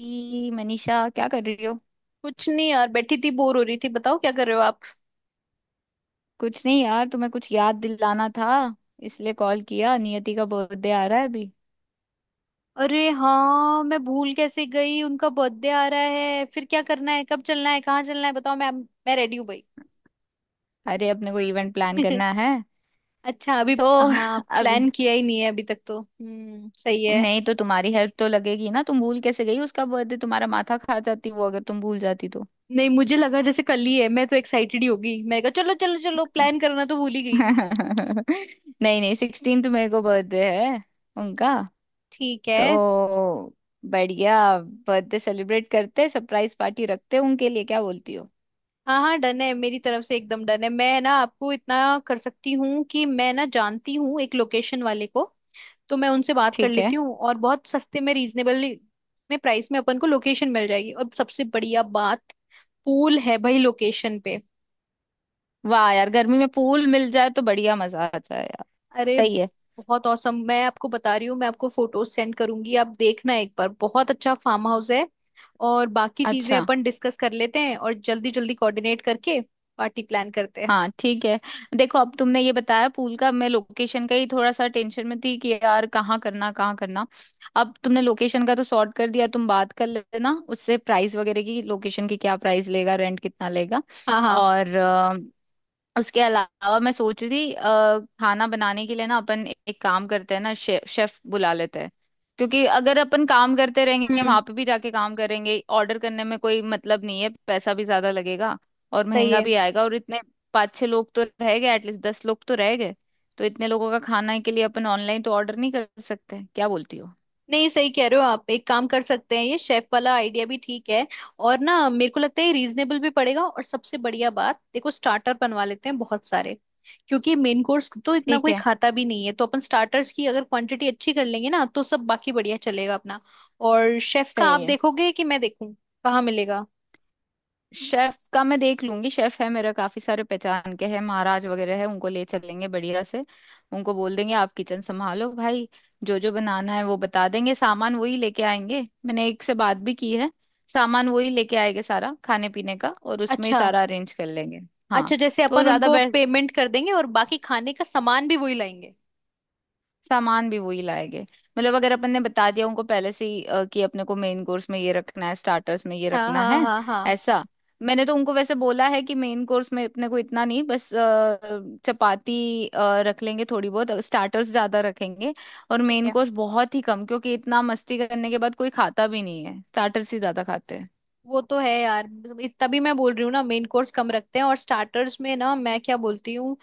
ई, मनीषा क्या कर रही हो। कुछ नहीं यार, बैठी थी बोर हो रही थी। बताओ क्या कर रहे हो आप। कुछ नहीं यार, तुम्हें कुछ याद दिलाना था, इसलिए कॉल किया। नियति का बर्थडे आ रहा है अभी। अरे हाँ, मैं भूल कैसे गई। उनका बर्थडे आ रहा है। फिर क्या करना है, कब चलना है, कहाँ चलना है, बताओ। मैं रेडी हूँ भाई। अरे, अपने को इवेंट प्लान करना है अच्छा, अभी। तो हाँ, अभी। प्लान किया ही नहीं है अभी तक तो, हम्म, सही है। नहीं तो तुम्हारी हेल्प तो लगेगी ना। तुम भूल कैसे गई उसका बर्थडे, तुम्हारा माथा खा जाती वो अगर तुम भूल जाती तो। नहीं, मुझे लगा जैसे कल ही है, मैं तो एक्साइटेड ही होगी, मैंने कहा चलो चलो चलो। प्लान करना तो भूल ही गई। नहीं नहीं 16 तो मेरे को बर्थडे है उनका। ठीक है। तो बढ़िया, बर्थडे सेलिब्रेट करते, सरप्राइज पार्टी रखते उनके लिए। क्या बोलती हो। हाँ हाँ, डन है, मेरी तरफ से एकदम डन है। मैं ना आपको इतना कर सकती हूँ कि मैं ना जानती हूँ एक लोकेशन वाले को। तो मैं उनसे बात कर ठीक है। लेती हूँ, और बहुत सस्ते में, रीजनेबल में, प्राइस में अपन को लोकेशन मिल जाएगी। और सबसे बढ़िया बात, पूल है भाई लोकेशन पे। वाह यार, गर्मी में पूल मिल जाए तो बढ़िया, मजा आ जाए यार। अरे, सही है। बहुत औसम। मैं आपको बता रही हूँ, मैं आपको फोटोज सेंड करूंगी, आप देखना एक बार, बहुत अच्छा फार्म हाउस है। और बाकी चीजें अच्छा। अपन डिस्कस कर लेते हैं, और जल्दी जल्दी कोऑर्डिनेट करके पार्टी प्लान करते हैं। हाँ, ठीक है। देखो, अब तुमने ये बताया पूल का, मैं लोकेशन का ही थोड़ा सा टेंशन में थी कि यार कहाँ करना, कहाँ करना। अब तुमने लोकेशन का तो सॉर्ट कर दिया, तुम बात कर लेना उससे प्राइस वगैरह की, लोकेशन की क्या प्राइस लेगा, रेंट कितना लेगा। हाँ हाँ, और उसके अलावा मैं सोच रही थी खाना बनाने के लिए ना अपन एक काम करते हैं ना, शेफ शेफ बुला लेते हैं। क्योंकि अगर अपन काम करते रहेंगे, हम्म, वहां पे भी जाके काम करेंगे, ऑर्डर करने में कोई मतलब नहीं है, पैसा भी ज्यादा लगेगा और सही महंगा है। भी आएगा। और इतने 5 6 लोग तो रह गए, एटलीस्ट 10 लोग तो रह गए। तो इतने लोगों का खाना के लिए अपन ऑनलाइन तो ऑर्डर नहीं कर सकते, क्या बोलती हो। नहीं, सही कह रहे हो आप। एक काम कर सकते हैं, ये शेफ वाला आइडिया भी ठीक है। और ना, मेरे को लगता है रीजनेबल भी पड़ेगा। और सबसे बढ़िया बात देखो, स्टार्टर बनवा लेते हैं बहुत सारे। क्योंकि मेन कोर्स तो इतना ठीक कोई है। खाता भी नहीं है, तो अपन स्टार्टर्स की अगर क्वांटिटी अच्छी कर लेंगे ना, तो सब बाकी बढ़िया चलेगा अपना। और शेफ का आप सही है। देखोगे कि मैं देखूं, कहाँ मिलेगा। शेफ का मैं देख लूंगी, शेफ है मेरा, काफी सारे पहचान के हैं, महाराज वगैरह है उनको ले चलेंगे बढ़िया से। उनको बोल देंगे आप किचन संभालो भाई, जो जो बनाना है वो बता देंगे, सामान वही लेके आएंगे, मैंने एक से बात भी की है। सामान वही लेके आएंगे सारा खाने पीने का, और उसमें ही अच्छा। सारा अरेंज कर लेंगे। हाँ। अच्छा, जैसे तो अपन ज्यादा उनको पेमेंट कर देंगे और बाकी खाने का सामान भी वही लाएंगे। सामान भी वही लाएंगे। मतलब अगर अपन ने बता दिया उनको पहले से ही कि अपने को मेन कोर्स में ये रखना है, स्टार्टर्स में ये हाँ रखना हाँ है, हाँ हाँ। ऐसा। मैंने तो उनको वैसे बोला है कि मेन कोर्स में अपने को इतना नहीं, बस चपाती रख लेंगे थोड़ी बहुत, स्टार्टर्स ज्यादा रखेंगे और ठीक मेन है। कोर्स बहुत ही कम। क्योंकि इतना मस्ती करने के बाद कोई खाता भी नहीं है, स्टार्टर्स ही ज्यादा खाते हैं। वो तो है यार। मतलब तभी मैं बोल रही हूँ ना, मेन कोर्स कम रखते हैं और स्टार्टर्स में ना मैं क्या बोलती हूँ।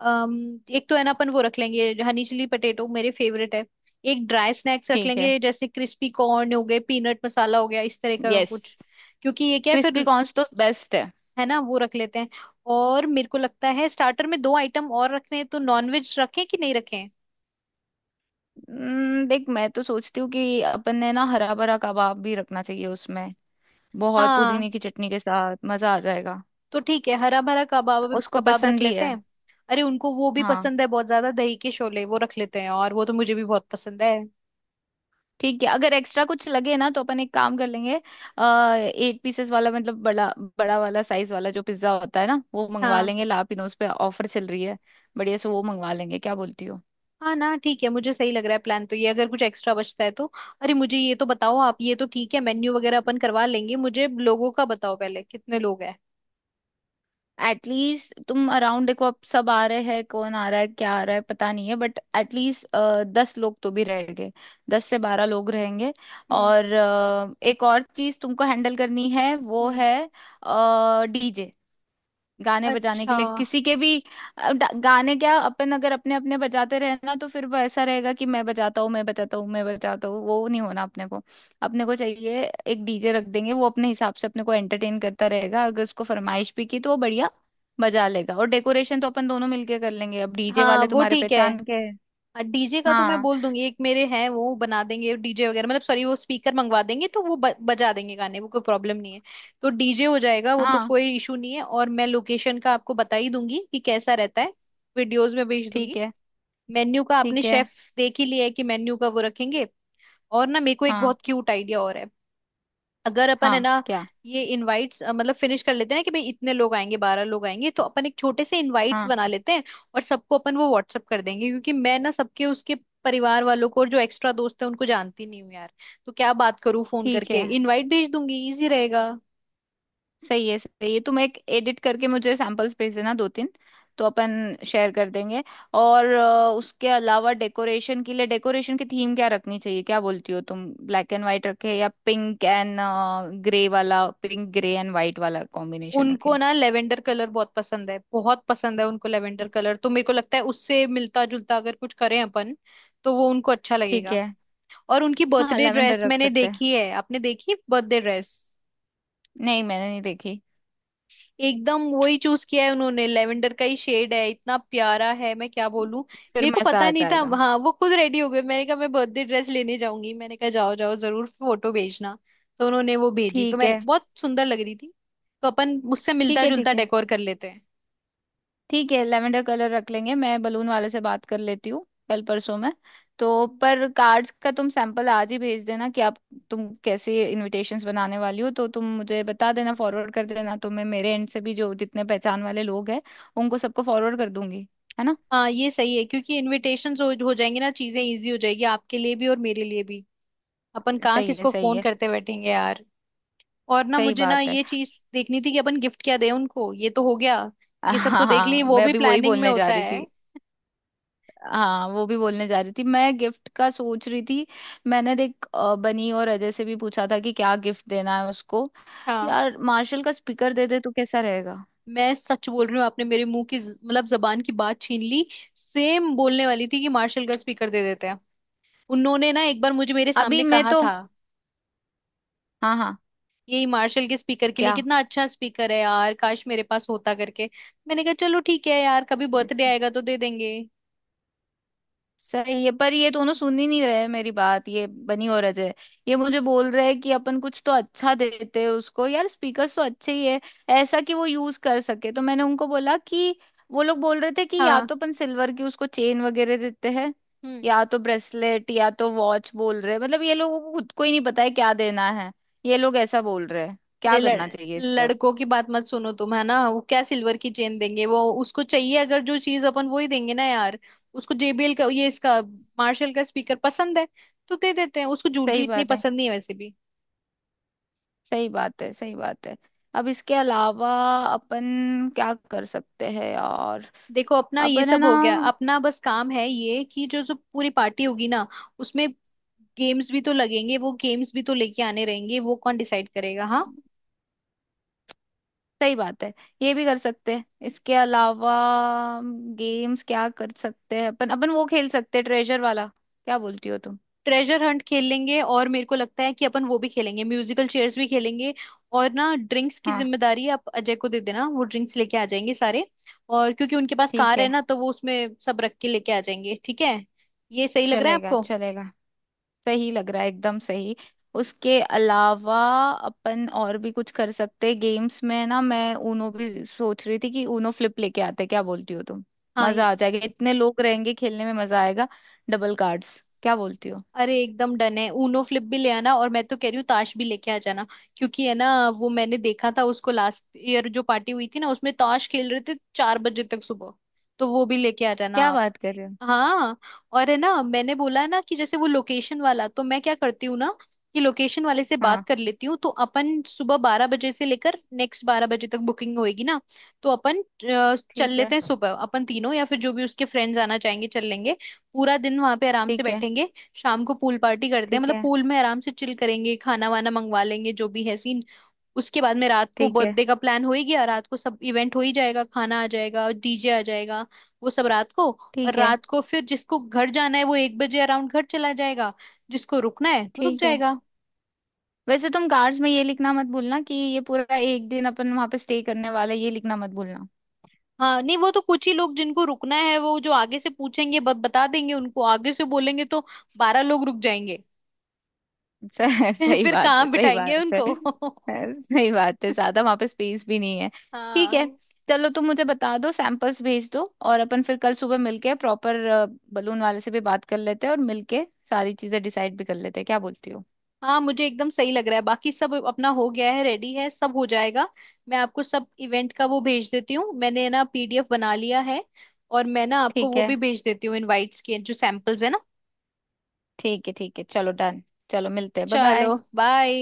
एक तो है ना, अपन वो रख लेंगे हनी चिली पटेटो, मेरे फेवरेट है। एक ड्राई स्नैक्स रख ठीक है। लेंगे, जैसे क्रिस्पी कॉर्न हो गए, पीनट मसाला हो गया, इस तरह का यस। कुछ। क्योंकि ये क्या है क्रिस्पी फिर। कॉर्न्स तो बेस्ट है। है ना, वो रख लेते हैं। और मेरे को लगता है स्टार्टर में दो आइटम और रखने हैं, तो नॉनवेज रखें कि नहीं रखें। देख, मैं तो सोचती हूँ कि अपन ने ना हरा भरा कबाब भी रखना चाहिए उसमें। बहुत हाँ, पुदीने की चटनी के साथ मजा आ जाएगा। तो ठीक है, हरा भरा कबाब उसको कबाब रख पसंद भी लेते है। हैं। अरे, उनको वो भी हाँ, पसंद है बहुत ज्यादा, दही के शोले वो रख लेते हैं, और वो तो मुझे भी बहुत पसंद है। ठीक है। अगर एक्स्ट्रा कुछ लगे ना तो अपन एक काम कर लेंगे, 8 पीसेस वाला, मतलब बड़ा बड़ा वाला, साइज वाला जो पिज्जा होता है ना, वो मंगवा हाँ। लेंगे, लापिनोज पे ऑफर चल रही है। बढ़िया से वो मंगवा लेंगे, क्या बोलती हो। हाँ ना, ठीक है, मुझे सही लग रहा है प्लान तो ये, अगर कुछ एक्स्ट्रा बचता है तो। अरे, मुझे ये तो बताओ आप, ये तो ठीक है मेन्यू वगैरह अपन करवा लेंगे, मुझे लोगों का बताओ पहले, कितने लोग हैं। एटलीस्ट तुम अराउंड देखो, अब सब आ रहे हैं, कौन आ रहा है क्या आ रहा है पता नहीं है, बट एटलीस्ट 10 लोग तो भी रहेंगे, 10 से 12 लोग रहेंगे। हम्म। और एक और चीज तुमको हैंडल करनी है, वो हम्म। है डीजे, गाने बजाने के अच्छा। लिए किसी के भी। गाने क्या अपन अगर अपने अपने बजाते रहे ना तो फिर वो ऐसा रहेगा कि मैं बजाता हूँ, मैं बजाता हूँ, मैं बजाता हूँ, वो नहीं होना अपने को। अपने को चाहिए एक डीजे रख देंगे, वो अपने हिसाब से अपने को एंटरटेन करता रहेगा, अगर उसको फरमाइश भी की तो वो बढ़िया बजा लेगा। और डेकोरेशन तो अपन दोनों मिलके कर लेंगे। अब डीजे हाँ, वाले वो तुम्हारे ठीक पहचान के है। हैं। डीजे का तो मैं हाँ, बोल दूंगी, एक मेरे हैं, वो बना देंगे डीजे वगैरह। मतलब सॉरी, वो स्पीकर मंगवा देंगे, तो वो बजा देंगे गाने, वो कोई प्रॉब्लम नहीं है। तो डीजे हो जाएगा, वो तो हाँ। कोई इशू नहीं है। और मैं लोकेशन का आपको बता ही दूंगी कि कैसा रहता है। वीडियोस में भेज ठीक दूंगी। है। मेन्यू का आपने ठीक है। शेफ देख ही लिया है कि मेन्यू का वो रखेंगे। और ना, मेरे को एक हाँ। बहुत क्यूट आइडिया और है। अगर अपन, है हाँ, ना, क्या। ये इनवाइट्स मतलब फिनिश कर लेते हैं ना, कि भाई इतने लोग आएंगे, 12 लोग आएंगे, तो अपन एक छोटे से इनवाइट्स हाँ, बना लेते हैं। और सबको अपन वो व्हाट्सअप कर देंगे। क्योंकि मैं ना सबके, उसके परिवार वालों को और जो एक्स्ट्रा दोस्त है, उनको जानती नहीं हूँ यार। तो क्या बात करूँ, फोन ठीक करके है। इनवाइट भेज दूंगी, इजी रहेगा। सही है, सही है। तुम एक एडिट करके मुझे सैंपल्स भेज देना 2 3, तो अपन शेयर कर देंगे। और उसके अलावा डेकोरेशन के लिए, डेकोरेशन की थीम क्या रखनी चाहिए, क्या बोलती हो तुम। ब्लैक एंड व्हाइट रखे या पिंक एंड ग्रे वाला, पिंक ग्रे एंड व्हाइट वाला कॉम्बिनेशन उनको रखे। ना लेवेंडर कलर बहुत पसंद है, बहुत पसंद है उनको लेवेंडर कलर। तो मेरे को लगता है उससे मिलता जुलता अगर कुछ करें अपन, तो वो उनको अच्छा ठीक लगेगा। है। और उनकी हाँ, बर्थडे लेवेंडर ड्रेस रख मैंने सकते हैं। देखी है, आपने देखी बर्थडे ड्रेस? नहीं, मैंने नहीं देखी। एकदम वही चूज किया है उन्होंने, लेवेंडर का ही शेड है, इतना प्यारा है मैं क्या बोलूं। फिर मेरे को मजा पता आ नहीं था। जाएगा। हाँ, वो खुद रेडी हो गए, मैंने कहा मैं बर्थडे ड्रेस लेने जाऊंगी, मैंने कहा जाओ जाओ, जरूर फोटो भेजना। तो उन्होंने वो भेजी, तो ठीक मैंने, है बहुत सुंदर लग रही थी। तो अपन उससे ठीक मिलता है, जुलता ठीक है। डेकोर कर लेते हैं। ठीक है, लेवेंडर कलर रख लेंगे। मैं बलून वाले से बात कर लेती हूँ कल परसों में। तो पर कार्ड्स का तुम सैंपल आज ही भेज देना कि आप, तुम कैसे इनविटेशंस बनाने वाली हो, तो तुम मुझे बता देना, फॉरवर्ड कर देना, तो मैं मेरे एंड से भी जो जितने पहचान वाले लोग हैं उनको सबको फॉरवर्ड कर दूंगी, है ना। हाँ, ये सही है, क्योंकि इनविटेशंस हो जाएंगे ना, चीजें इजी हो जाएगी आपके लिए भी और मेरे लिए भी। अपन कहाँ सही है, किसको सही फोन है। करते बैठेंगे यार। और ना, सही मुझे ना बात है। ये चीज देखनी थी कि अपन गिफ्ट क्या दें उनको, ये तो हो गया। ये सब तो हाँ देख ली, हाँ, वो मैं भी अभी वही प्लानिंग में बोलने जा होता रही है। थी। हाँ, वो भी बोलने जा रही थी, मैं गिफ्ट का सोच रही थी। मैंने देख, बनी और अजय से भी पूछा था कि क्या गिफ्ट देना है उसको। हाँ, यार मार्शल का स्पीकर दे दे तो कैसा रहेगा। मैं सच बोल रही हूँ, आपने मेरे मुंह की मतलब जबान की बात छीन ली। सेम बोलने वाली थी कि मार्शल का स्पीकर दे देते हैं। उन्होंने ना एक बार मुझे, मेरे अभी सामने मैं कहा तो, था हाँ हाँ, यही मार्शल के स्पीकर के लिए, कितना अच्छा स्पीकर है यार, काश मेरे पास होता, करके। मैंने कहा चलो ठीक है यार, कभी क्या। बर्थडे आएगा तो दे देंगे। सही है, पर ये दोनों सुन ही नहीं रहे मेरी बात, ये बनी और अजय, ये मुझे बोल रहे हैं कि अपन कुछ तो अच्छा देते हैं उसको यार, स्पीकर तो अच्छे ही है ऐसा कि वो यूज कर सके। तो मैंने उनको बोला कि, वो लोग बोल रहे थे कि या हाँ। तो अपन सिल्वर की उसको चेन वगैरह देते हैं, हम्म। या तो ब्रेसलेट या तो वॉच बोल रहे हैं। मतलब ये लोगों को खुद को ही नहीं पता है क्या देना है, ये लोग ऐसा बोल रहे हैं। अरे, क्या करना चाहिए इस पे अब। लड़कों की बात मत सुनो तुम, है ना। वो क्या सिल्वर की चेन देंगे, वो उसको चाहिए अगर, जो चीज अपन वो ही देंगे ना यार। उसको जेबीएल का, ये, इसका मार्शल का स्पीकर पसंद है। तो दे देते हैं उसको, ज्वेलरी सही इतनी बात है, पसंद नहीं है वैसे भी। सही बात है, सही बात है। अब इसके अलावा अपन क्या कर सकते हैं यार। देखो अपना ये अपन है सब ना। हो गया, अपना बस काम है ये, कि जो जो पूरी पार्टी होगी ना, उसमें गेम्स भी तो लगेंगे, वो गेम्स भी तो लेके आने रहेंगे, वो कौन डिसाइड करेगा। हाँ। सही बात है, ये भी कर सकते हैं। इसके अलावा गेम्स क्या कर सकते हैं अपन, अपन वो खेल सकते हैं ट्रेजर वाला, क्या बोलती हो तुम। ट्रेजर हंट खेल लेंगे, और मेरे को लगता है कि अपन वो भी खेलेंगे, म्यूजिकल चेयर्स भी खेलेंगे। और ना, ड्रिंक्स की हाँ, जिम्मेदारी आप अजय को दे देना, वो ड्रिंक्स लेके आ जाएंगे सारे। और क्योंकि उनके पास ठीक कार है है। ना, तो वो उसमें सब रख के लेके आ जाएंगे। ठीक है। ये सही लग रहा है चलेगा, आपको? चलेगा। सही लग रहा है, एकदम सही। उसके अलावा अपन और भी कुछ कर सकते हैं गेम्स में ना, मैं ऊनो भी सोच रही थी कि ऊनो फ्लिप लेके आते हैं। क्या बोलती हो तुम। हाँ। मजा आ जाएगा, इतने लोग रहेंगे खेलने में मजा आएगा। डबल कार्ड्स, क्या बोलती हो। अरे, एकदम डन है, ऊनो फ्लिप भी ले आना, और मैं तो कह रही हूँ ताश भी लेके आ जाना। क्योंकि है ना, वो मैंने देखा था उसको, लास्ट ईयर जो पार्टी हुई थी ना, उसमें ताश खेल रहे थे 4 बजे तक सुबह। तो वो भी लेके आ जाना क्या आप। बात कर रहे हो। हाँ। और है ना, मैंने बोला ना, कि जैसे वो लोकेशन वाला, तो मैं क्या करती हूँ ना, कि लोकेशन वाले से बात हाँ। कर लेती हूँ, तो अपन सुबह 12 बजे से लेकर नेक्स्ट 12 बजे तक बुकिंग होएगी ना। तो अपन चल ठीक है। लेते हैं सुबह, अपन तीनों या फिर जो भी उसके फ्रेंड्स आना चाहेंगे चल लेंगे। पूरा दिन वहां पे आराम से ठीक है, बैठेंगे। शाम को पूल पार्टी करते हैं, ठीक मतलब है। पूल में आराम से चिल करेंगे, खाना वाना मंगवा लेंगे, जो भी है सीन। उसके बाद में रात को ठीक है, बर्थडे का प्लान हो ही गया, रात को सब इवेंट हो ही जाएगा, खाना आ जाएगा, डीजे आ जाएगा। वो सब रात को। और ठीक है। रात को फिर जिसको घर जाना है वो 1 बजे अराउंड घर चला जाएगा। जिसको रुकना है वो रुक ठीक है। जाएगा। वैसे तुम कार्ड्स में ये लिखना मत भूलना कि ये पूरा एक दिन अपन वहां पे स्टे करने वाला है, ये लिखना मत भूलना। हाँ नहीं, वो तो कुछ ही लोग जिनको रुकना है, वो जो आगे से पूछेंगे, बता देंगे उनको, आगे से बोलेंगे तो 12 लोग रुक जाएंगे। सही फिर बात है, कहाँ सही बिठाएंगे बात है। उनको। सही बात है, ज्यादा वहां पे स्पेस भी नहीं है। ठीक है। हाँ। चलो तुम मुझे बता दो, सैंपल्स भेज दो, और अपन फिर कल सुबह मिलके प्रॉपर बलून वाले से भी बात कर लेते हैं और मिलके सारी चीजें डिसाइड भी कर लेते हैं, क्या बोलती हो। हाँ, मुझे एकदम सही लग रहा है, बाकी सब अपना हो गया है, रेडी है, सब हो जाएगा। मैं आपको सब इवेंट का वो भेज देती हूँ, मैंने ना पीडीएफ बना लिया है। और मैं ना आपको ठीक वो भी है, भेज देती हूँ इनवाइट्स के जो सैंपल्स है ना। ठीक है। ठीक है, चलो डन। चलो मिलते हैं, बाय बाय। चलो बाय।